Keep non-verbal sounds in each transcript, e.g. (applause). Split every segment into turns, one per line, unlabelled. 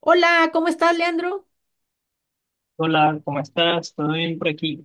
Hola, ¿cómo estás, Leandro?
Hola, ¿cómo estás? ¿Todo bien por aquí?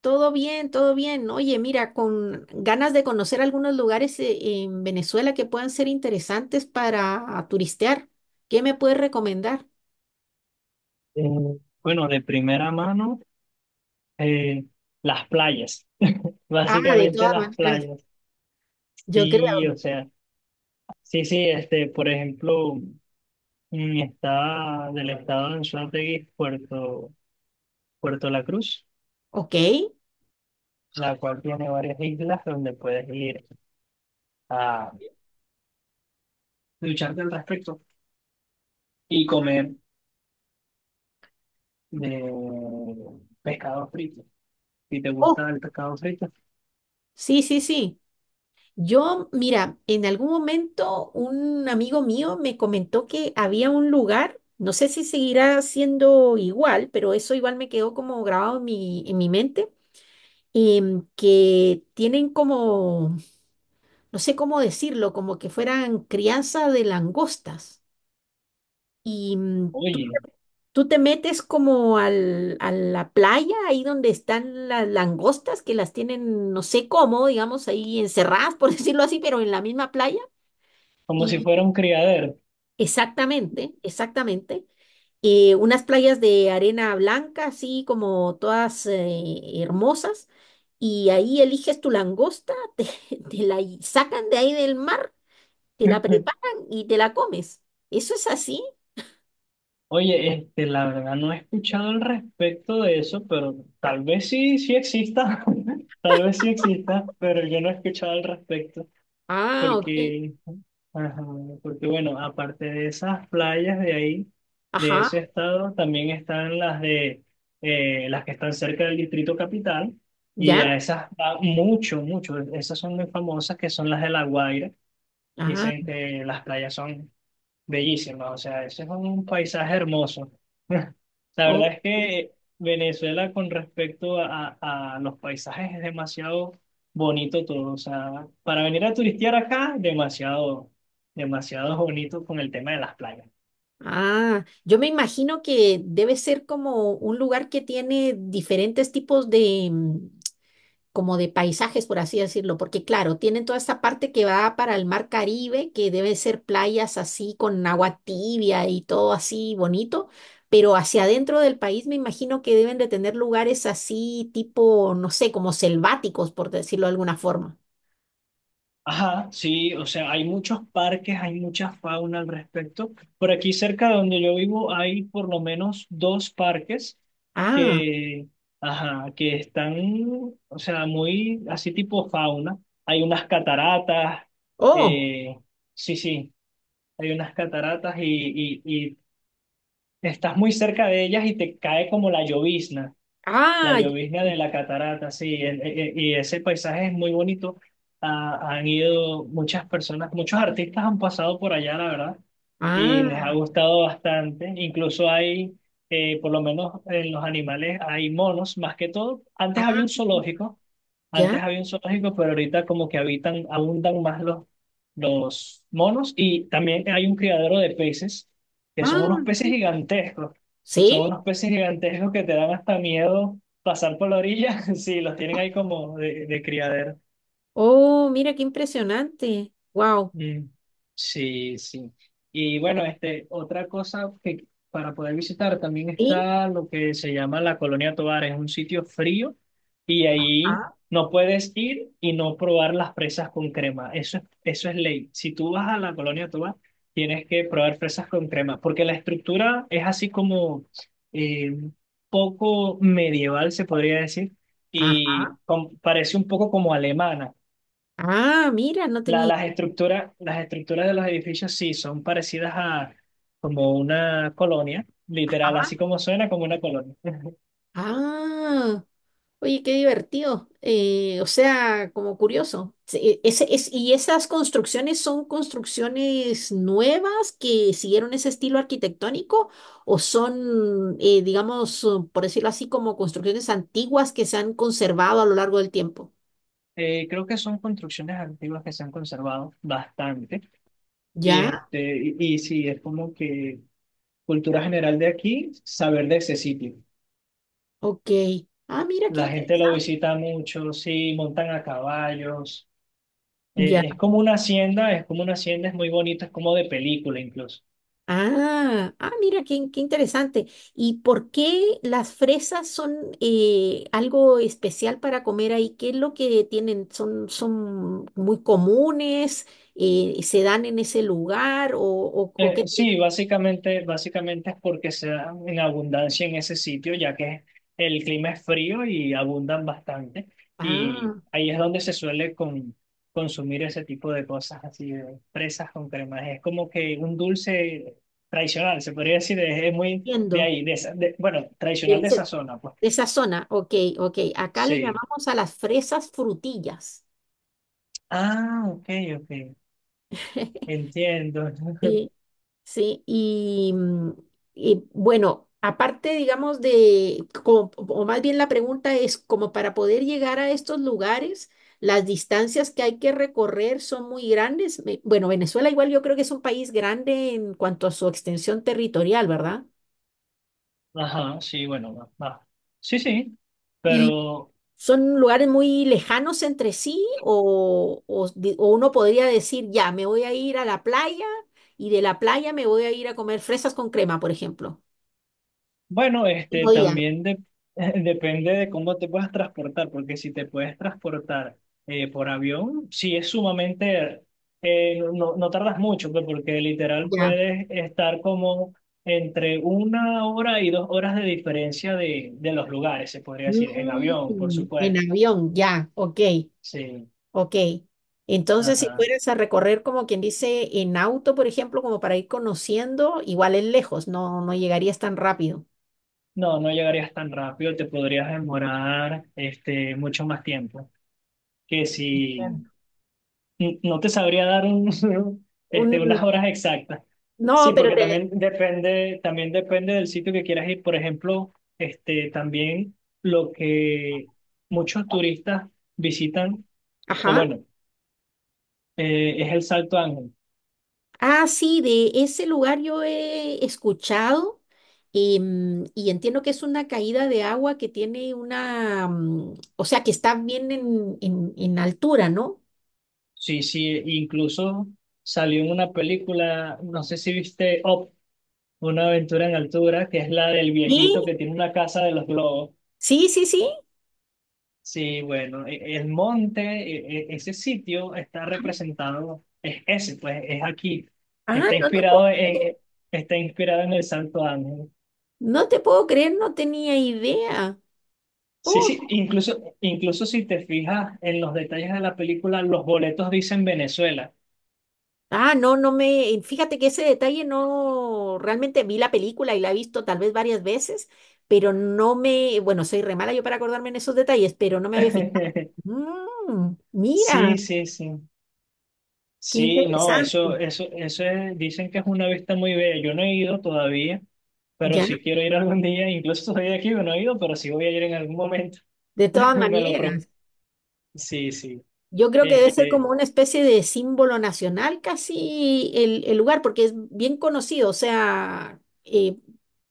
Todo bien, todo bien. Oye, mira, con ganas de conocer algunos lugares en Venezuela que puedan ser interesantes para turistear. ¿Qué me puedes recomendar?
Eh, bueno, de primera mano, eh, las playas, (laughs)
Ah, de
básicamente
todas
las
maneras,
playas.
yo
Sí,
creo.
o sea, sí, sí, este, por ejemplo, está del estado de Anzoátegui, Puerto La Cruz,
Ok.
la cual tiene varias islas donde puedes ir a ducharte al respecto y comer de pescado frito. Si te gusta
Oh,
el pescado frito,
sí, sí, sí. Yo, mira, en algún momento un amigo mío me comentó que había un lugar, no sé si seguirá siendo igual, pero eso igual me quedó como grabado en mi mente que tienen como, no sé cómo decirlo, como que fueran crianza de langostas. Y mm,
oye,
tú te metes como a la playa, ahí donde están las langostas, que las tienen, no sé cómo, digamos, ahí encerradas, por (laughs) decirlo así, pero en la misma playa.
como si
Y
fuera un criadero.
exactamente, exactamente. Unas playas de arena blanca, así como todas hermosas, y ahí eliges tu langosta, (laughs) te la sacan de ahí del mar, te la preparan y te la comes. ¿Eso es así?
Oye, este, la verdad no he escuchado al respecto de eso, pero tal vez sí, sí exista, (laughs) tal vez sí exista, pero yo no he escuchado al respecto,
Ah, ok.
porque, ajá, porque bueno, aparte de esas playas de ahí, de ese
Ajá,
estado, también están las de, las que están cerca del Distrito Capital, y
¿ya?
a esas, va mucho, mucho, esas son muy famosas, que son las de La Guaira,
Ah,
dicen que las playas son bellísima, o sea, ese es un paisaje hermoso. (laughs) La verdad
ok.
es que Venezuela con respecto a los paisajes es demasiado bonito todo, o sea, para venir a turistear acá, demasiado, demasiado bonito con el tema de las playas.
Ah, yo me imagino que debe ser como un lugar que tiene diferentes tipos de, como de paisajes, por así decirlo, porque claro, tienen toda esta parte que va para el mar Caribe, que debe ser playas así con agua tibia y todo así bonito, pero hacia adentro del país me imagino que deben de tener lugares así tipo, no sé, como selváticos, por decirlo de alguna forma.
Ajá, sí, o sea, hay muchos parques, hay mucha fauna al respecto. Por aquí cerca de donde yo vivo hay por lo menos dos parques
Ah,
que, ajá, que están, o sea, muy así tipo fauna. Hay unas cataratas,
oh,
eh, sí, sí, hay unas cataratas y estás muy cerca de ellas y te cae como la llovizna. La
ah, ya,
llovizna de la catarata, sí, y ese paisaje es muy bonito. Ah, han ido muchas personas, muchos artistas han pasado por allá, la verdad y les ha
ah,
gustado bastante. Incluso hay, por lo menos en los animales, hay monos, más que todo. Antes
ah,
había un zoológico,
ya,
antes había un zoológico, pero ahorita como que habitan, abundan más los monos y también hay un criadero de peces, que
ah,
son unos peces
sí.
gigantescos. Son
¿Sí?
unos peces gigantescos que te dan hasta miedo pasar por la orilla (laughs) si los tienen ahí como de criadero.
Oh, mira qué impresionante. Wow.
Mm, sí, sí. Y bueno, este, otra cosa que para poder visitar también
Sí.
está lo que se llama la Colonia Tovar, es un sitio frío y ahí
Ah,
no puedes ir y no probar las fresas con crema. Eso es ley. Si tú vas a la Colonia Tovar, tienes que probar fresas con crema, porque la estructura es así como eh, poco medieval, se podría decir,
ah,
y parece un poco como alemana.
ah, mira, no tenía.
Las estructuras de los edificios sí son parecidas a como una colonia, literal, así como suena como una colonia. (laughs)
Ah, oye, qué divertido. O sea, como curioso. Sí, ¿y esas construcciones son construcciones nuevas que siguieron ese estilo arquitectónico o son, digamos, por decirlo así, como construcciones antiguas que se han conservado a lo largo del tiempo?
Creo que son construcciones antiguas que se han conservado bastante. Y,
Ya,
este, y sí, es como que cultura general de aquí, saber de ese sitio.
ok. Ah, mira, qué
La gente lo
interesante.
visita mucho, sí, montan a caballos. Es como una hacienda, es como una hacienda, es muy bonito, es como de película incluso.
Ah, ah, mira, qué interesante. ¿Y por qué las fresas son algo especial para comer ahí? ¿Qué es lo que tienen? ¿Son, son muy comunes? ¿Se dan en ese lugar? O qué tienen?
Sí, básicamente, básicamente es porque se dan en abundancia en ese sitio, ya que el clima es frío y abundan bastante. Y
Ah,
ahí es donde se suele consumir ese tipo de cosas, así de fresas con cremas. Es como que un dulce tradicional, se podría decir, es muy de
entiendo.
ahí, bueno, tradicional
Del
de
ce-
esa zona, pues.
de esa zona. Ok, ok. Acá le
Sí.
llamamos a las fresas frutillas.
Ah, ok, ok,
(laughs)
entiendo. (laughs)
Sí. Sí, y, mm, y, bueno, aparte, digamos, o más bien la pregunta es, como para poder llegar a estos lugares, las distancias que hay que recorrer son muy grandes. Bueno, Venezuela igual yo creo que es un país grande en cuanto a su extensión territorial, ¿verdad?
Ajá, sí, bueno, va. Sí, sí,
Y
pero...
son lugares muy lejanos entre sí, o uno podría decir, ya, me voy a ir a la playa y de la playa me voy a ir a comer fresas con crema, por ejemplo.
Bueno, este
Mismo día,
también (laughs) depende de cómo te puedas transportar, porque si te puedes transportar por avión, sí es sumamente, no, no tardas mucho, pues, porque literal
ya.
puedes estar como entre una hora y dos horas de diferencia de los lugares, se podría decir, en avión, por
Mm, en
supuesto.
avión, ya, ok,
Sí,
ok. Entonces, si
ajá.
fueras a recorrer, como quien dice, en auto, por ejemplo, como para ir conociendo, igual es lejos, no, no llegarías tan rápido.
No, no llegarías tan rápido, te podrías demorar este, mucho más tiempo que
Bien.
si no te sabría dar un, (laughs) este,
Un,
unas horas exactas.
no,
Sí,
pero
porque
te...
también depende del sitio que quieras ir. Por ejemplo, este, también lo que muchos turistas visitan, o
Ajá.
bueno, es el Salto Ángel.
Ah, sí, de ese lugar yo he escuchado y entiendo que es una caída de agua que tiene una... mm, o sea, que está bien en altura, ¿no?
Sí, sí, incluso salió en una película, no sé si viste Up, una aventura en altura, que es la del
Sí.
viejito que tiene una casa de los globos.
Sí, sí, sí.
Sí, bueno, el monte, ese sitio está representado, es ese, pues es aquí.
Ah,
Está
no te
inspirado
puedo creer.
e- está inspirado en el Santo Ángel.
No te puedo creer, no tenía idea.
Sí,
Oh,
sí, incluso, incluso si te fijas en los detalles de la película, los boletos dicen Venezuela.
ah, no, no me. Fíjate que ese detalle no. Realmente vi la película y la he visto tal vez varias veces, pero no me. Bueno, soy re mala yo para acordarme en esos detalles, pero no me había fijado.
(laughs)
Mm, mira,
Sí, sí, sí.
qué
Sí, no, eso,
interesante.
eso, dicen que es una vista muy bella. Yo no he ido todavía, pero
Ya,
sí quiero ir algún día. Incluso soy de aquí, yo no he ido, pero sí voy a ir en algún momento.
de todas
(laughs) Me lo pro-
maneras.
Sí, sí.
Yo creo que debe ser
Este,
como una especie de símbolo nacional casi el lugar, porque es bien conocido, o sea,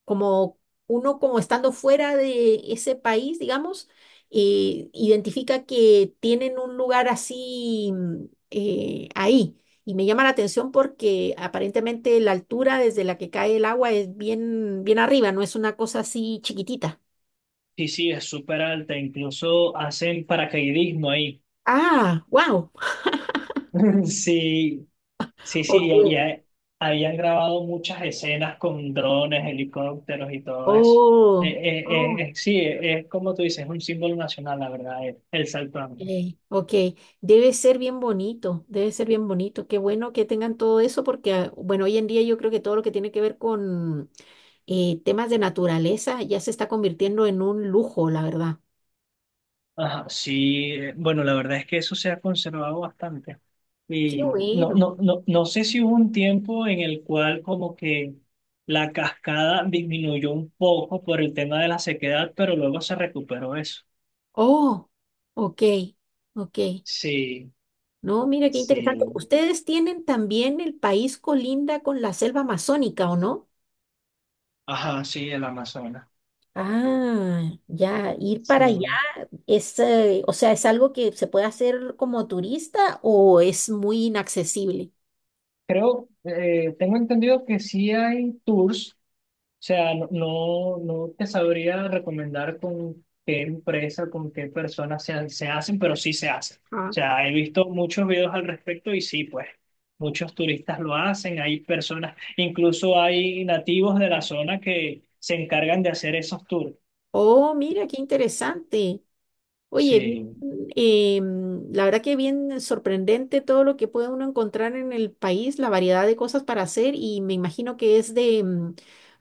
como uno como estando fuera de ese país, digamos, identifica que tienen un lugar así mm, ahí. Y me llama la atención porque aparentemente la altura desde la que cae el agua es bien arriba, no es una cosa así chiquitita.
sí, sí, es súper alta, incluso hacen paracaidismo ahí.
Ah, wow.
(laughs) Sí, sí, sí,
Ok.
y ahí grabado muchas escenas con drones, helicópteros y todo eso.
Oh, oh.
Sí, es como tú dices, es un símbolo nacional, la verdad, el salto Ángel.
Ey, ok, debe ser bien bonito, debe ser bien bonito. Qué bueno que tengan todo eso porque, ah, bueno, hoy en día yo creo que todo lo que tiene que ver con temas de naturaleza ya se está convirtiendo en un lujo, la verdad.
Ajá, sí, bueno, la verdad es que eso se ha conservado bastante.
Qué
Y no,
bueno.
no, no, no sé si hubo un tiempo en el cual como que la cascada disminuyó un poco por el tema de la sequedad, pero luego se recuperó eso.
Oh, ok, ok.
Sí,
No, mira qué interesante.
sí,
Ustedes tienen también el país colinda con la selva amazónica, ¿o no?
ajá, sí, el Amazonas.
Ah, ya, ir
Sí.
para allá es, o sea, ¿es algo que se puede hacer como turista o es muy inaccesible?
Creo, tengo entendido que sí hay tours. O sea, no, no te sabría recomendar con qué empresa, con qué personas se hacen, pero sí se hacen. O
Ah,
sea, he visto muchos videos al respecto y sí, pues muchos turistas lo hacen, hay personas, incluso hay nativos de la zona que se encargan de hacer esos tours.
oh, mira, qué interesante. Oye, bien,
Sí,
la verdad que bien sorprendente todo lo que puede uno encontrar en el país, la variedad de cosas para hacer y me imagino que es de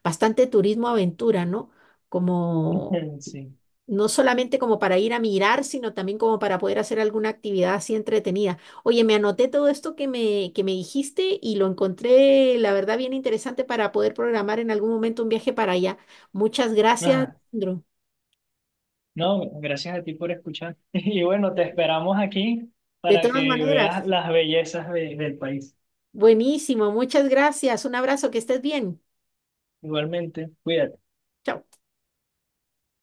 bastante turismo aventura, ¿no? Como
(laughs) sí.
no solamente como para ir a mirar, sino también como para poder hacer alguna actividad así entretenida. Oye, me anoté todo esto que me dijiste y lo encontré, la verdad, bien interesante para poder programar en algún momento un viaje para allá. Muchas gracias,
Ah,
Alejandro.
no, gracias a ti por escuchar. (laughs) Y bueno, te esperamos aquí
De
para
todas
que veas
maneras,
las bellezas del país.
buenísimo, muchas gracias. Un abrazo, que estés bien.
Igualmente, cuídate.
Chao.